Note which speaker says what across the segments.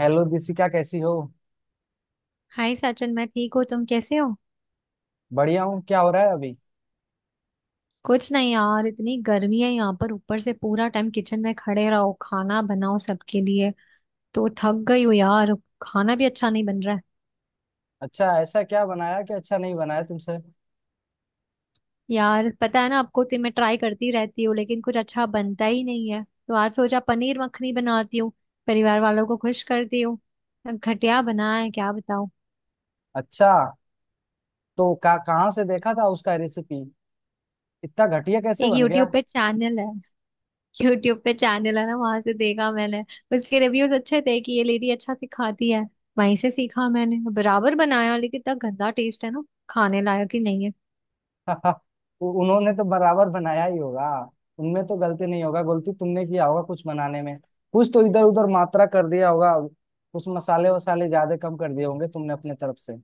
Speaker 1: Hello Dishika, कैसी हो।
Speaker 2: Hi Sachin. मैं ठीक हूँ, तुम कैसे हो?
Speaker 1: बढ़िया हूँ, क्या हो रहा है अभी।
Speaker 2: कुछ नहीं यार, इतनी गर्मी है यहाँ पर, ऊपर से पूरा टाइम किचन में खड़े रहो, खाना बनाओ सबके लिए, तो थक गई हूँ यार। खाना भी अच्छा नहीं बन रहा है।
Speaker 1: अच्छा, ऐसा क्या बनाया कि अच्छा नहीं बनाया तुमसे।
Speaker 2: यार पता है ना आपको, तो मैं ट्राई करती रहती हूँ, लेकिन कुछ अच्छा बनता ही नहीं है, तो आज सोचा पनीर मखनी बनाती हूँ, परिवार वालों को खुश करती हूँ। घटिया बना है, क्या बताऊँ।
Speaker 1: अच्छा, तो का कहाँ से देखा था उसका रेसिपी। इतना घटिया कैसे
Speaker 2: एक
Speaker 1: बन
Speaker 2: यूट्यूब
Speaker 1: गया।
Speaker 2: पे चैनल है। यूट्यूब पे चैनल है ना, वहां से देखा मैंने। उसके रिव्यूज अच्छे थे कि ये लेडी अच्छा सिखाती है। वहीं से सीखा मैंने, बराबर बनाया, लेकिन इतना गंदा टेस्ट है ना, खाने लायक ही नहीं है।
Speaker 1: उन्होंने तो बराबर बनाया ही होगा। उनमें तो गलती नहीं होगा, गलती तुमने किया होगा कुछ बनाने में। कुछ तो इधर उधर मात्रा कर दिया होगा। कुछ मसाले वसाले ज्यादा कम कर दिए होंगे तुमने अपने तरफ से।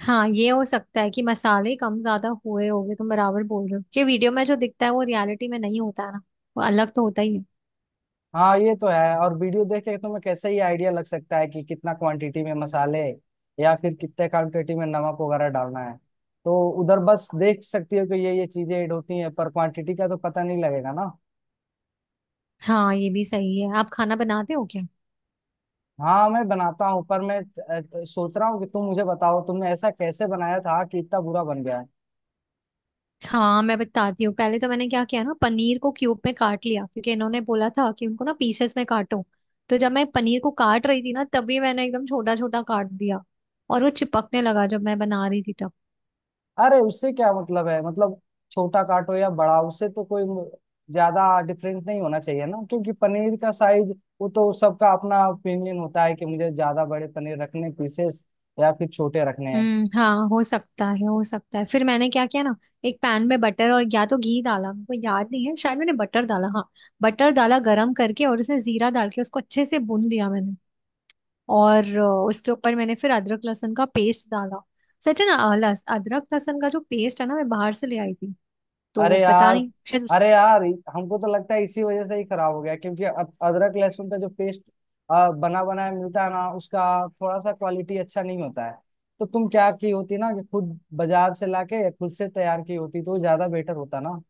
Speaker 2: हाँ, ये हो सकता है कि मसाले कम ज्यादा हुए होंगे, तुम बराबर बोल रहे हो, ये वीडियो में जो दिखता है वो रियलिटी में नहीं होता है ना, वो अलग तो होता ही है।
Speaker 1: हाँ, ये तो है। और वीडियो देख के तुम्हें कैसे ही आइडिया लग सकता है कि कितना क्वांटिटी में मसाले या फिर कितने क्वांटिटी में नमक वगैरह डालना है। तो उधर बस देख सकती हो कि ये चीजें ऐड होती हैं, पर क्वांटिटी का तो पता नहीं लगेगा ना।
Speaker 2: हाँ ये भी सही है। आप खाना बनाते हो क्या?
Speaker 1: हाँ, मैं बनाता हूँ, पर मैं सोच रहा हूँ कि तुम मुझे बताओ तुमने ऐसा कैसे बनाया था कि इतना बुरा बन गया है।
Speaker 2: हाँ मैं बताती हूँ। पहले तो मैंने क्या किया ना, पनीर को क्यूब में काट लिया क्योंकि इन्होंने बोला था कि उनको ना पीसेस में काटो। तो जब मैं पनीर को काट रही थी ना, तभी मैंने एकदम छोटा छोटा काट दिया, और वो चिपकने लगा जब मैं बना रही थी तब।
Speaker 1: अरे, उससे क्या मतलब है, मतलब छोटा काटो या बड़ा, उससे तो कोई ज्यादा डिफरेंस नहीं होना चाहिए ना, क्योंकि पनीर का साइज वो तो सबका अपना ओपिनियन होता है कि मुझे ज्यादा बड़े पनीर रखने पीसेस या फिर छोटे रखने हैं।
Speaker 2: हम्म, हाँ, हो सकता है, हो सकता है। फिर मैंने क्या किया ना, एक पैन में बटर और या तो घी डाला, मेरे को याद नहीं है, शायद मैंने बटर डाला हाँ। बटर डाला गरम करके, और उसमें जीरा डाल के उसको अच्छे से भून लिया मैंने। और उसके ऊपर मैंने फिर अदरक लहसुन का पेस्ट डाला। सच है ना, अदरक लहसुन का जो पेस्ट है ना, मैं बाहर से ले आई थी, तो
Speaker 1: अरे
Speaker 2: पता
Speaker 1: यार,
Speaker 2: नहीं शायद।
Speaker 1: अरे यार, हमको तो लगता है इसी वजह से ही खराब हो गया, क्योंकि अदरक लहसुन का जो पेस्ट बना बनाया मिलता है ना, उसका थोड़ा सा क्वालिटी अच्छा नहीं होता है। तो तुम क्या की होती ना कि खुद बाजार से लाके या खुद से तैयार की होती तो ज्यादा बेटर होता ना।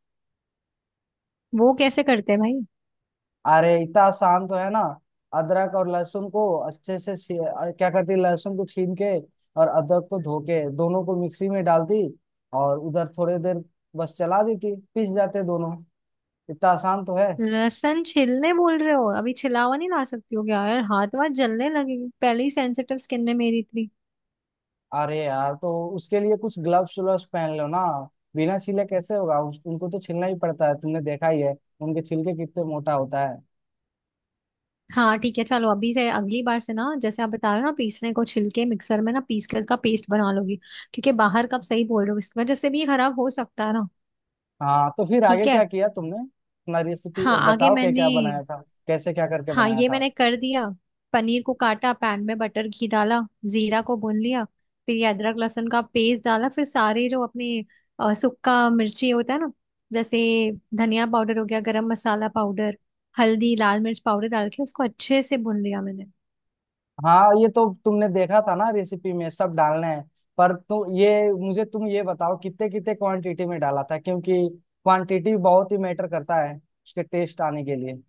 Speaker 2: वो कैसे करते हैं भाई?
Speaker 1: अरे, इतना आसान तो है ना। अदरक और लहसुन को अच्छे से क्या करती, लहसुन को छील के और अदरक को धो के दोनों को मिक्सी में डालती और उधर थोड़ी देर बस चला देती, पिस जाते दोनों। इतना आसान तो है।
Speaker 2: लहसुन छिलने बोल रहे हो? अभी छिला हुआ नहीं ला सकती हो क्या यार? हाथ वाथ जलने लगेंगे, पहले ही सेंसिटिव स्किन में मेरी इतनी।
Speaker 1: अरे यार, तो उसके लिए कुछ ग्लव्स व्लव्स पहन लो ना। बिना छीले कैसे होगा, उनको तो छीलना ही पड़ता है, तुमने देखा ही है उनके छिलके कितने मोटा होता है।
Speaker 2: हाँ ठीक है, चलो अभी से अगली बार से ना, जैसे आप बता रहे हो ना, पीसने को छिलके मिक्सर में ना पीस कर का पेस्ट बना लोगी, क्योंकि बाहर का आप सही बोल रहे हो, इस वजह से भी ये खराब हो सकता है ना।
Speaker 1: हाँ, तो फिर
Speaker 2: ठीक
Speaker 1: आगे
Speaker 2: है।
Speaker 1: क्या किया तुमने, अपना रेसिपी
Speaker 2: हाँ आगे
Speaker 1: बताओ क्या
Speaker 2: मैंने,
Speaker 1: क्या बनाया था। कैसे क्या करके
Speaker 2: हाँ
Speaker 1: बनाया
Speaker 2: ये
Speaker 1: था।
Speaker 2: मैंने कर दिया, पनीर को काटा, पैन में बटर घी डाला, जीरा को भून लिया, फिर ये अदरक लहसुन का पेस्ट डाला, फिर सारे जो अपने सुक्का मिर्ची होता है ना, जैसे धनिया पाउडर हो गया, गरम मसाला पाउडर, हल्दी, लाल मिर्च पाउडर डाल के उसको अच्छे से भून लिया मैंने।
Speaker 1: हाँ, ये तो तुमने देखा था ना रेसिपी में सब डालना है, पर तुम ये बताओ कितने कितने क्वांटिटी में डाला था, क्योंकि क्वांटिटी बहुत ही मैटर करता है उसके टेस्ट आने के लिए।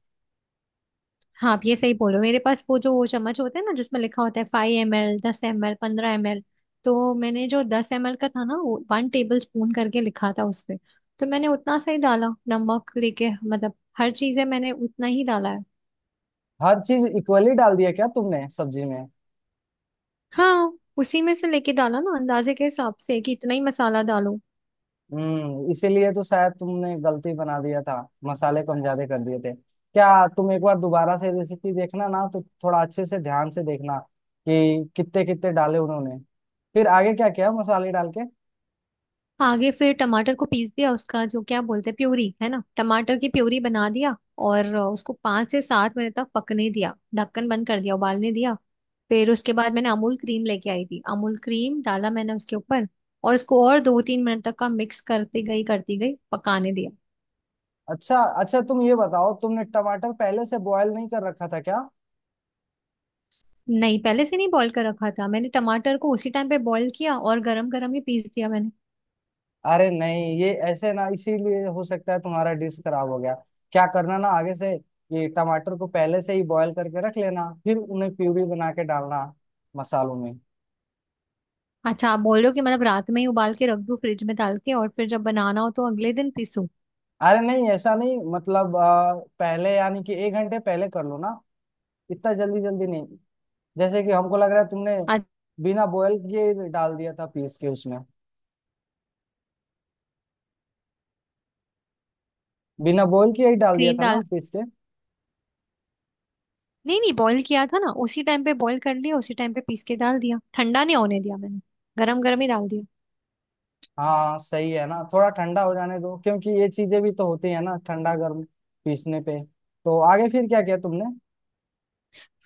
Speaker 2: हाँ, आप ये सही बोल रहे हो। मेरे पास वो जो वो चम्मच होते हैं ना, जिसमें लिखा होता है 5 ml 10 ml 15 ml, तो मैंने जो 10 ml का था ना, वो 1 टेबल स्पून करके लिखा था उस पे, तो मैंने उतना सही डाला। नमक लेके मतलब हर चीज़ है मैंने उतना ही डाला है।
Speaker 1: हर चीज इक्वली डाल दिया क्या तुमने सब्जी में।
Speaker 2: हाँ उसी में से लेके डाला ना, अंदाजे के हिसाब से कि इतना ही मसाला डालो।
Speaker 1: हम्म, इसीलिए तो शायद तुमने गलती बना दिया था, मसाले कम ज्यादा कर दिए थे क्या। तुम एक बार दोबारा से रेसिपी देखना ना, तो थोड़ा अच्छे से ध्यान से देखना कि कितने कितने डाले उन्होंने। फिर आगे क्या किया मसाले डाल के।
Speaker 2: आगे फिर टमाटर को पीस दिया, उसका जो क्या बोलते हैं, प्यूरी है ना, टमाटर की प्यूरी बना दिया, और उसको 5 से 7 मिनट तक पकने दिया, ढक्कन बंद कर दिया, उबालने दिया। फिर उसके बाद मैंने अमूल क्रीम लेके आई थी, अमूल क्रीम डाला मैंने उसके ऊपर, और उसको और 2-3 मिनट तक का मिक्स करती गई करती गई, पकाने दिया।
Speaker 1: अच्छा अच्छा, तुम ये बताओ तुमने टमाटर पहले से बॉयल नहीं कर रखा था क्या।
Speaker 2: नहीं, पहले से नहीं बॉईल कर रखा था मैंने, टमाटर को उसी टाइम पे बॉईल किया और गरम गरम ही पीस दिया मैंने।
Speaker 1: अरे नहीं, ये ऐसे ना, इसीलिए हो सकता है तुम्हारा डिश खराब हो गया। क्या करना ना आगे से, ये टमाटर को पहले से ही बॉयल करके रख लेना, फिर उन्हें प्यूरी बना के डालना मसालों में।
Speaker 2: अच्छा, आप बोल रहे हो कि मतलब रात में ही उबाल के रख दूं फ्रिज में डाल के, और फिर जब बनाना हो तो अगले दिन पीसूं?
Speaker 1: अरे नहीं, ऐसा नहीं, मतलब पहले यानी कि 1 घंटे पहले कर लो ना, इतना जल्दी जल्दी नहीं। जैसे कि हमको लग रहा है तुमने
Speaker 2: आज।
Speaker 1: बिना बॉयल किए ही डाल दिया था पीस के उसमें। बिना बॉयल किए ही डाल दिया
Speaker 2: क्रीम
Speaker 1: था ना
Speaker 2: डाल।
Speaker 1: पीस के।
Speaker 2: नहीं नहीं, बॉईल किया था ना, उसी टाइम पे बॉईल कर लिया, उसी टाइम पे पीस के डाल दिया, ठंडा नहीं होने दिया मैंने, गरम गरम ही डाल दिया।
Speaker 1: हाँ, सही है ना, थोड़ा ठंडा हो जाने दो, क्योंकि ये चीजें भी तो होती है ना ठंडा गर्म पीसने पे। तो आगे फिर क्या किया तुमने।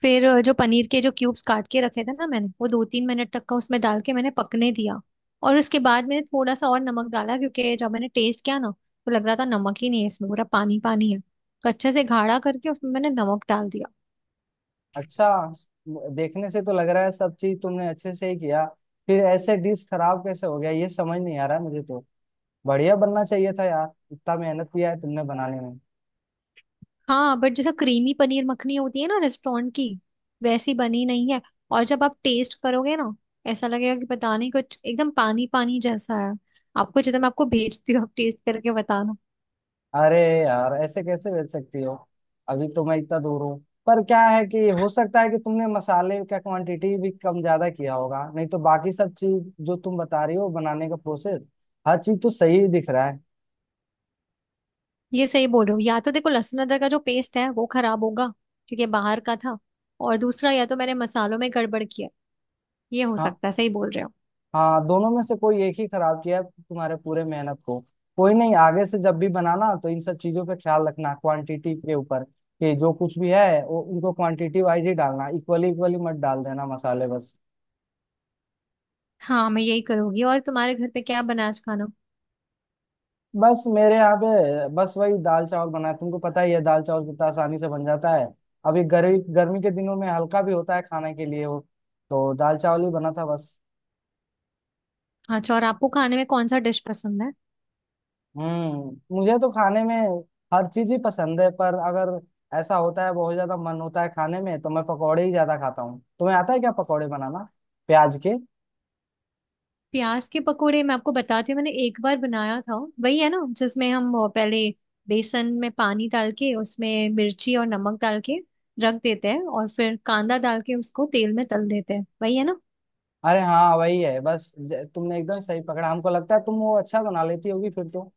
Speaker 2: फिर जो पनीर के जो क्यूब्स काट के रखे थे ना मैंने, वो 2-3 मिनट तक का उसमें डाल के मैंने पकने दिया, और उसके बाद मैंने थोड़ा सा और नमक डाला, क्योंकि जब मैंने टेस्ट किया ना तो लग रहा था नमक ही नहीं है, इसमें पूरा पानी पानी है, तो अच्छे से गाढ़ा करके उसमें मैंने नमक डाल दिया।
Speaker 1: अच्छा, देखने से तो लग रहा है सब चीज तुमने अच्छे से ही किया। फिर ऐसे डिश खराब कैसे हो गया, ये समझ नहीं आ रहा है मुझे तो। बढ़िया बनना चाहिए था यार, इतना मेहनत किया है तुमने बनाने में।
Speaker 2: हाँ बट जैसा क्रीमी पनीर मखनी होती है ना रेस्टोरेंट की, वैसी बनी नहीं है, और जब आप टेस्ट करोगे ना, ऐसा लगेगा कि पता नहीं कुछ एकदम पानी पानी जैसा है। आपको जितना मैं आपको भेजती हूँ, आप टेस्ट करके बताना।
Speaker 1: अरे यार, ऐसे कैसे बेच सकती हो, अभी तो मैं इतना दूर हूँ। पर क्या है कि हो सकता है कि तुमने मसाले का क्वांटिटी भी कम ज्यादा किया होगा, नहीं तो बाकी सब चीज जो तुम बता रही हो बनाने का प्रोसेस, हर चीज तो सही ही दिख रहा है।
Speaker 2: ये सही बोल रहे हो, या तो देखो लहसुन अदरक का जो पेस्ट है वो खराब होगा, क्योंकि ये बाहर का था, और दूसरा या तो मैंने मसालों में गड़बड़ किया, ये हो
Speaker 1: हाँ,
Speaker 2: सकता है, सही बोल रहे हो।
Speaker 1: हाँ, दोनों में से कोई एक ही खराब किया है तुम्हारे पूरे मेहनत को। कोई नहीं, आगे से जब भी बनाना तो इन सब चीजों पे ख्याल रखना क्वांटिटी के ऊपर, कि जो कुछ भी है वो उनको क्वांटिटी वाइज ही डालना, इक्वली इक्वली मत डाल देना मसाले बस।
Speaker 2: हाँ मैं यही करूंगी। और तुम्हारे घर पे क्या बना आज खाना?
Speaker 1: बस मेरे यहाँ पे बस वही दाल चावल बना है, तुमको पता ही है दाल चावल कितना आसानी से बन जाता है। अभी गर्मी गर्मी के दिनों में हल्का भी होता है खाने के लिए वो, तो दाल चावल ही बना था बस।
Speaker 2: अच्छा, और आपको खाने में कौन सा डिश पसंद है?
Speaker 1: हम्म, मुझे तो खाने में हर चीज ही पसंद है, पर अगर ऐसा होता है बहुत ज्यादा मन होता है खाने में, तो मैं पकौड़े ही ज्यादा खाता हूँ। तुम्हें आता है क्या पकौड़े बनाना, प्याज के।
Speaker 2: प्याज के पकोड़े, मैं आपको बताती हूँ, मैंने एक बार बनाया था। वही है ना जिसमें हम वो पहले बेसन में पानी डाल के उसमें मिर्ची और नमक डाल के रख देते हैं, और फिर कांदा डाल के उसको तेल में तल देते हैं, वही है ना?
Speaker 1: अरे हाँ, वही है बस, तुमने एकदम सही पकड़ा, हमको लगता है तुम वो अच्छा बना लेती होगी फिर तो।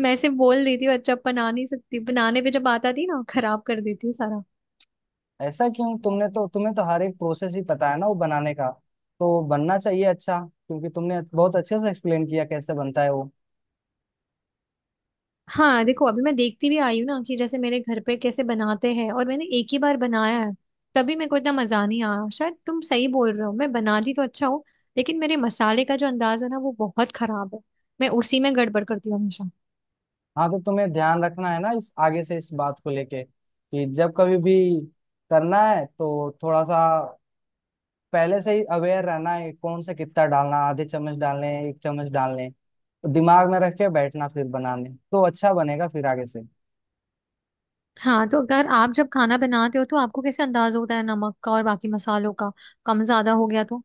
Speaker 2: मैं ऐसे बोल देती हूँ, अच्छा बना नहीं सकती, बनाने पे जब आता थी ना, खराब कर देती हूँ सारा।
Speaker 1: ऐसा क्यों, तुमने तो, तुम्हें तो हर एक प्रोसेस ही पता है ना वो बनाने का, तो बनना चाहिए अच्छा, क्योंकि तुमने बहुत अच्छे से एक्सप्लेन किया कैसे बनता है वो।
Speaker 2: हाँ देखो, अभी मैं देखती भी आई हूँ ना कि जैसे मेरे घर पे कैसे बनाते हैं, और मैंने एक ही बार बनाया है, तभी मेरे को इतना मजा नहीं आया। शायद तुम सही बोल रहे हो, मैं बनाती तो अच्छा हूँ, लेकिन मेरे मसाले का जो अंदाज है ना, वो बहुत खराब है। मैं उसी में गड़बड़ करती हूँ हमेशा।
Speaker 1: हाँ, तो तुम्हें ध्यान रखना है ना इस आगे से इस बात को लेके, कि जब कभी भी करना है तो थोड़ा सा पहले से ही अवेयर रहना है, कौन सा कितना डालना, ½ चम्मच डालने हैं, 1 चम्मच डालने हैं। तो दिमाग में रख के बैठना फिर बनाने, तो अच्छा बनेगा फिर आगे से।
Speaker 2: हाँ, तो अगर आप जब खाना बनाते हो तो आपको कैसे अंदाज होता है नमक का और बाकी मसालों का, कम ज्यादा हो गया तो?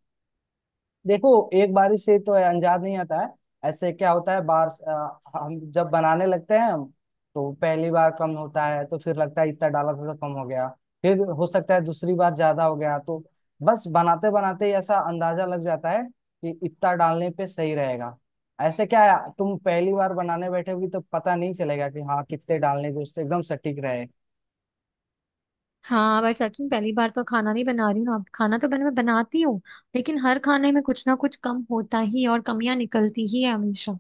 Speaker 1: देखो, एक बारिश से तो अंजाद नहीं आता है। ऐसे क्या होता है, हम जब बनाने लगते हैं हम, तो पहली बार कम होता है तो फिर लगता है इतना डाला था तो कम हो गया। फिर हो सकता है दूसरी बार ज्यादा हो गया, तो बस बनाते बनाते ही ऐसा अंदाजा लग जाता है कि इतना डालने पे सही रहेगा। ऐसे क्या है, तुम पहली बार बनाने बैठोगी तो पता नहीं चलेगा कि हाँ कितने डालने जो उससे एकदम सटीक रहे।
Speaker 2: हाँ, पर सच में पहली बार तो खाना नहीं बना रही हूँ ना, खाना तो बन मैं बनाती हूँ, लेकिन हर खाने में कुछ ना कुछ कम होता ही है और कमियां निकलती ही है हमेशा।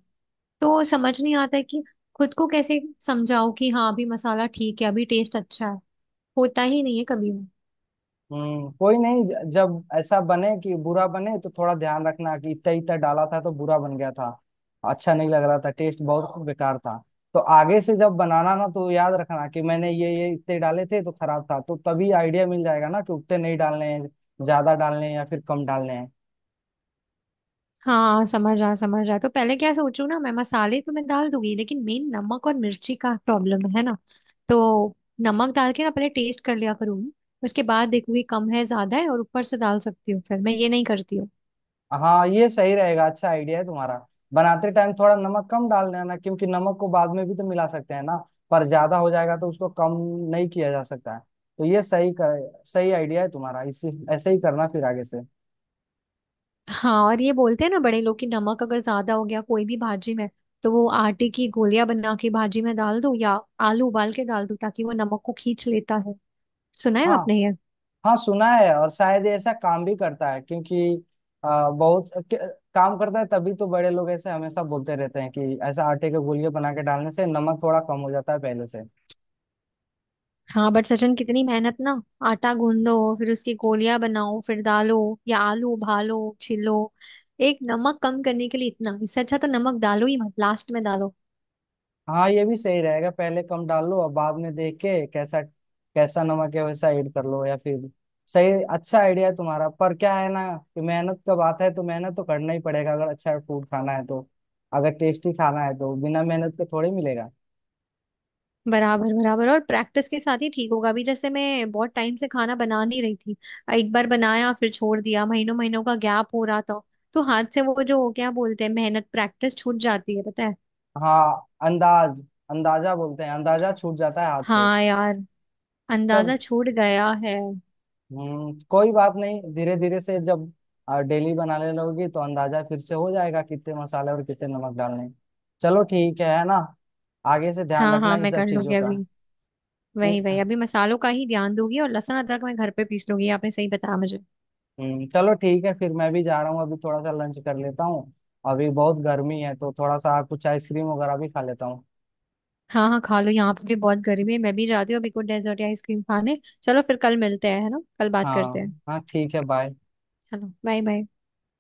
Speaker 2: तो समझ नहीं आता है कि खुद को कैसे समझाओ कि हाँ अभी मसाला ठीक है, अभी टेस्ट अच्छा है। होता ही नहीं है कभी भी।
Speaker 1: हम्म, कोई नहीं, जब ऐसा बने कि बुरा बने तो थोड़ा ध्यान रखना कि इतना इतना डाला था तो बुरा बन गया था, अच्छा नहीं लग रहा था, टेस्ट बहुत बेकार था। तो आगे से जब बनाना ना, तो याद रखना कि मैंने ये इतने डाले थे तो खराब था, तो तभी आइडिया मिल जाएगा ना कि उतने नहीं डालने हैं, ज्यादा डालने हैं या फिर कम डालने हैं।
Speaker 2: हाँ, समझ आ समझ आ। तो पहले क्या सोचू ना, मैं मसाले तो मैं डाल दूंगी, लेकिन मेन नमक और मिर्ची का प्रॉब्लम है ना, तो नमक डाल के ना पहले टेस्ट कर लिया करूंगी, उसके बाद देखूंगी कम है ज्यादा है और ऊपर से डाल सकती हूँ, फिर मैं ये नहीं करती हूँ।
Speaker 1: हाँ, ये सही रहेगा, अच्छा आइडिया है तुम्हारा। बनाते टाइम थोड़ा नमक कम डाल देना, क्योंकि नमक को बाद में भी तो मिला सकते हैं ना, पर ज्यादा हो जाएगा तो उसको कम नहीं किया जा सकता है। तो ये सही आइडिया है तुम्हारा, इसी ऐसे ही करना फिर आगे से।
Speaker 2: हाँ, और ये बोलते हैं ना बड़े लोग कि नमक अगर ज्यादा हो गया कोई भी भाजी में, तो वो आटे की गोलियां बना के भाजी में डाल दो या आलू उबाल के डाल दो, ताकि वो नमक को खींच लेता है। सुना है
Speaker 1: हाँ
Speaker 2: आपने ये?
Speaker 1: हाँ, सुना है, और शायद ये ऐसा काम भी करता है, क्योंकि बहुत काम करता है, तभी तो बड़े लोग ऐसे हमेशा बोलते रहते हैं कि ऐसा आटे के गोलिये बना के डालने से नमक थोड़ा कम हो जाता है पहले से।
Speaker 2: हाँ बट सचिन, कितनी मेहनत ना। आटा गूंदो, फिर उसकी गोलियां बनाओ, फिर डालो, या आलू उबालो छिलो, एक नमक कम करने के लिए इतना, इससे अच्छा तो नमक डालो ही मत, लास्ट में डालो।
Speaker 1: हाँ, ये भी सही रहेगा, पहले कम डाल लो और बाद में देख के कैसा कैसा नमक है वैसा ऐड कर लो, या फिर सही, अच्छा आइडिया है तुम्हारा। पर क्या है ना, कि मेहनत का बात है तो मेहनत तो करना ही पड़ेगा, अगर अच्छा फूड खाना है तो, अगर टेस्टी खाना है तो बिना मेहनत के थोड़ी मिलेगा।
Speaker 2: बराबर बराबर, और प्रैक्टिस के साथ ही ठीक होगा। अभी जैसे मैं बहुत टाइम से खाना बना नहीं रही थी, एक बार बनाया फिर छोड़ दिया, महीनों महीनों का गैप हो रहा था, तो हाथ से वो जो क्या बोलते हैं मेहनत प्रैक्टिस छूट जाती है, पता है।
Speaker 1: हाँ, अंदाज, अंदाजा बोलते हैं, अंदाजा छूट जाता है हाथ से।
Speaker 2: हाँ यार,
Speaker 1: चल,
Speaker 2: अंदाजा छूट गया है।
Speaker 1: हम्म, कोई बात नहीं, धीरे धीरे से जब डेली बनाने लगोगी तो अंदाजा फिर से हो जाएगा कितने मसाले और कितने नमक डालने हैं। चलो ठीक है ना, आगे से ध्यान
Speaker 2: हाँ
Speaker 1: रखना
Speaker 2: हाँ,
Speaker 1: इन
Speaker 2: मैं
Speaker 1: सब
Speaker 2: कर लूंगी
Speaker 1: चीजों का।
Speaker 2: अभी। वही वही, अभी मसालों का ही ध्यान दूंगी, और लहसुन अदरक मैं घर पे पीस लूंगी, ये आपने सही बताया मुझे।
Speaker 1: हम्म, चलो ठीक है, फिर मैं भी जा रहा हूँ अभी, थोड़ा सा लंच कर लेता हूँ। अभी बहुत गर्मी है तो थोड़ा सा कुछ आइसक्रीम वगैरह भी खा लेता हूँ।
Speaker 2: हाँ हाँ, खा लो, यहाँ पे भी बहुत गर्मी है, मैं भी जाती हूँ अभी कुछ डेजर्ट या आइसक्रीम खाने, चलो फिर कल मिलते हैं है ना, कल बात करते हैं।
Speaker 1: हाँ हाँ, ठीक है, बाय।
Speaker 2: चलो बाय बाय।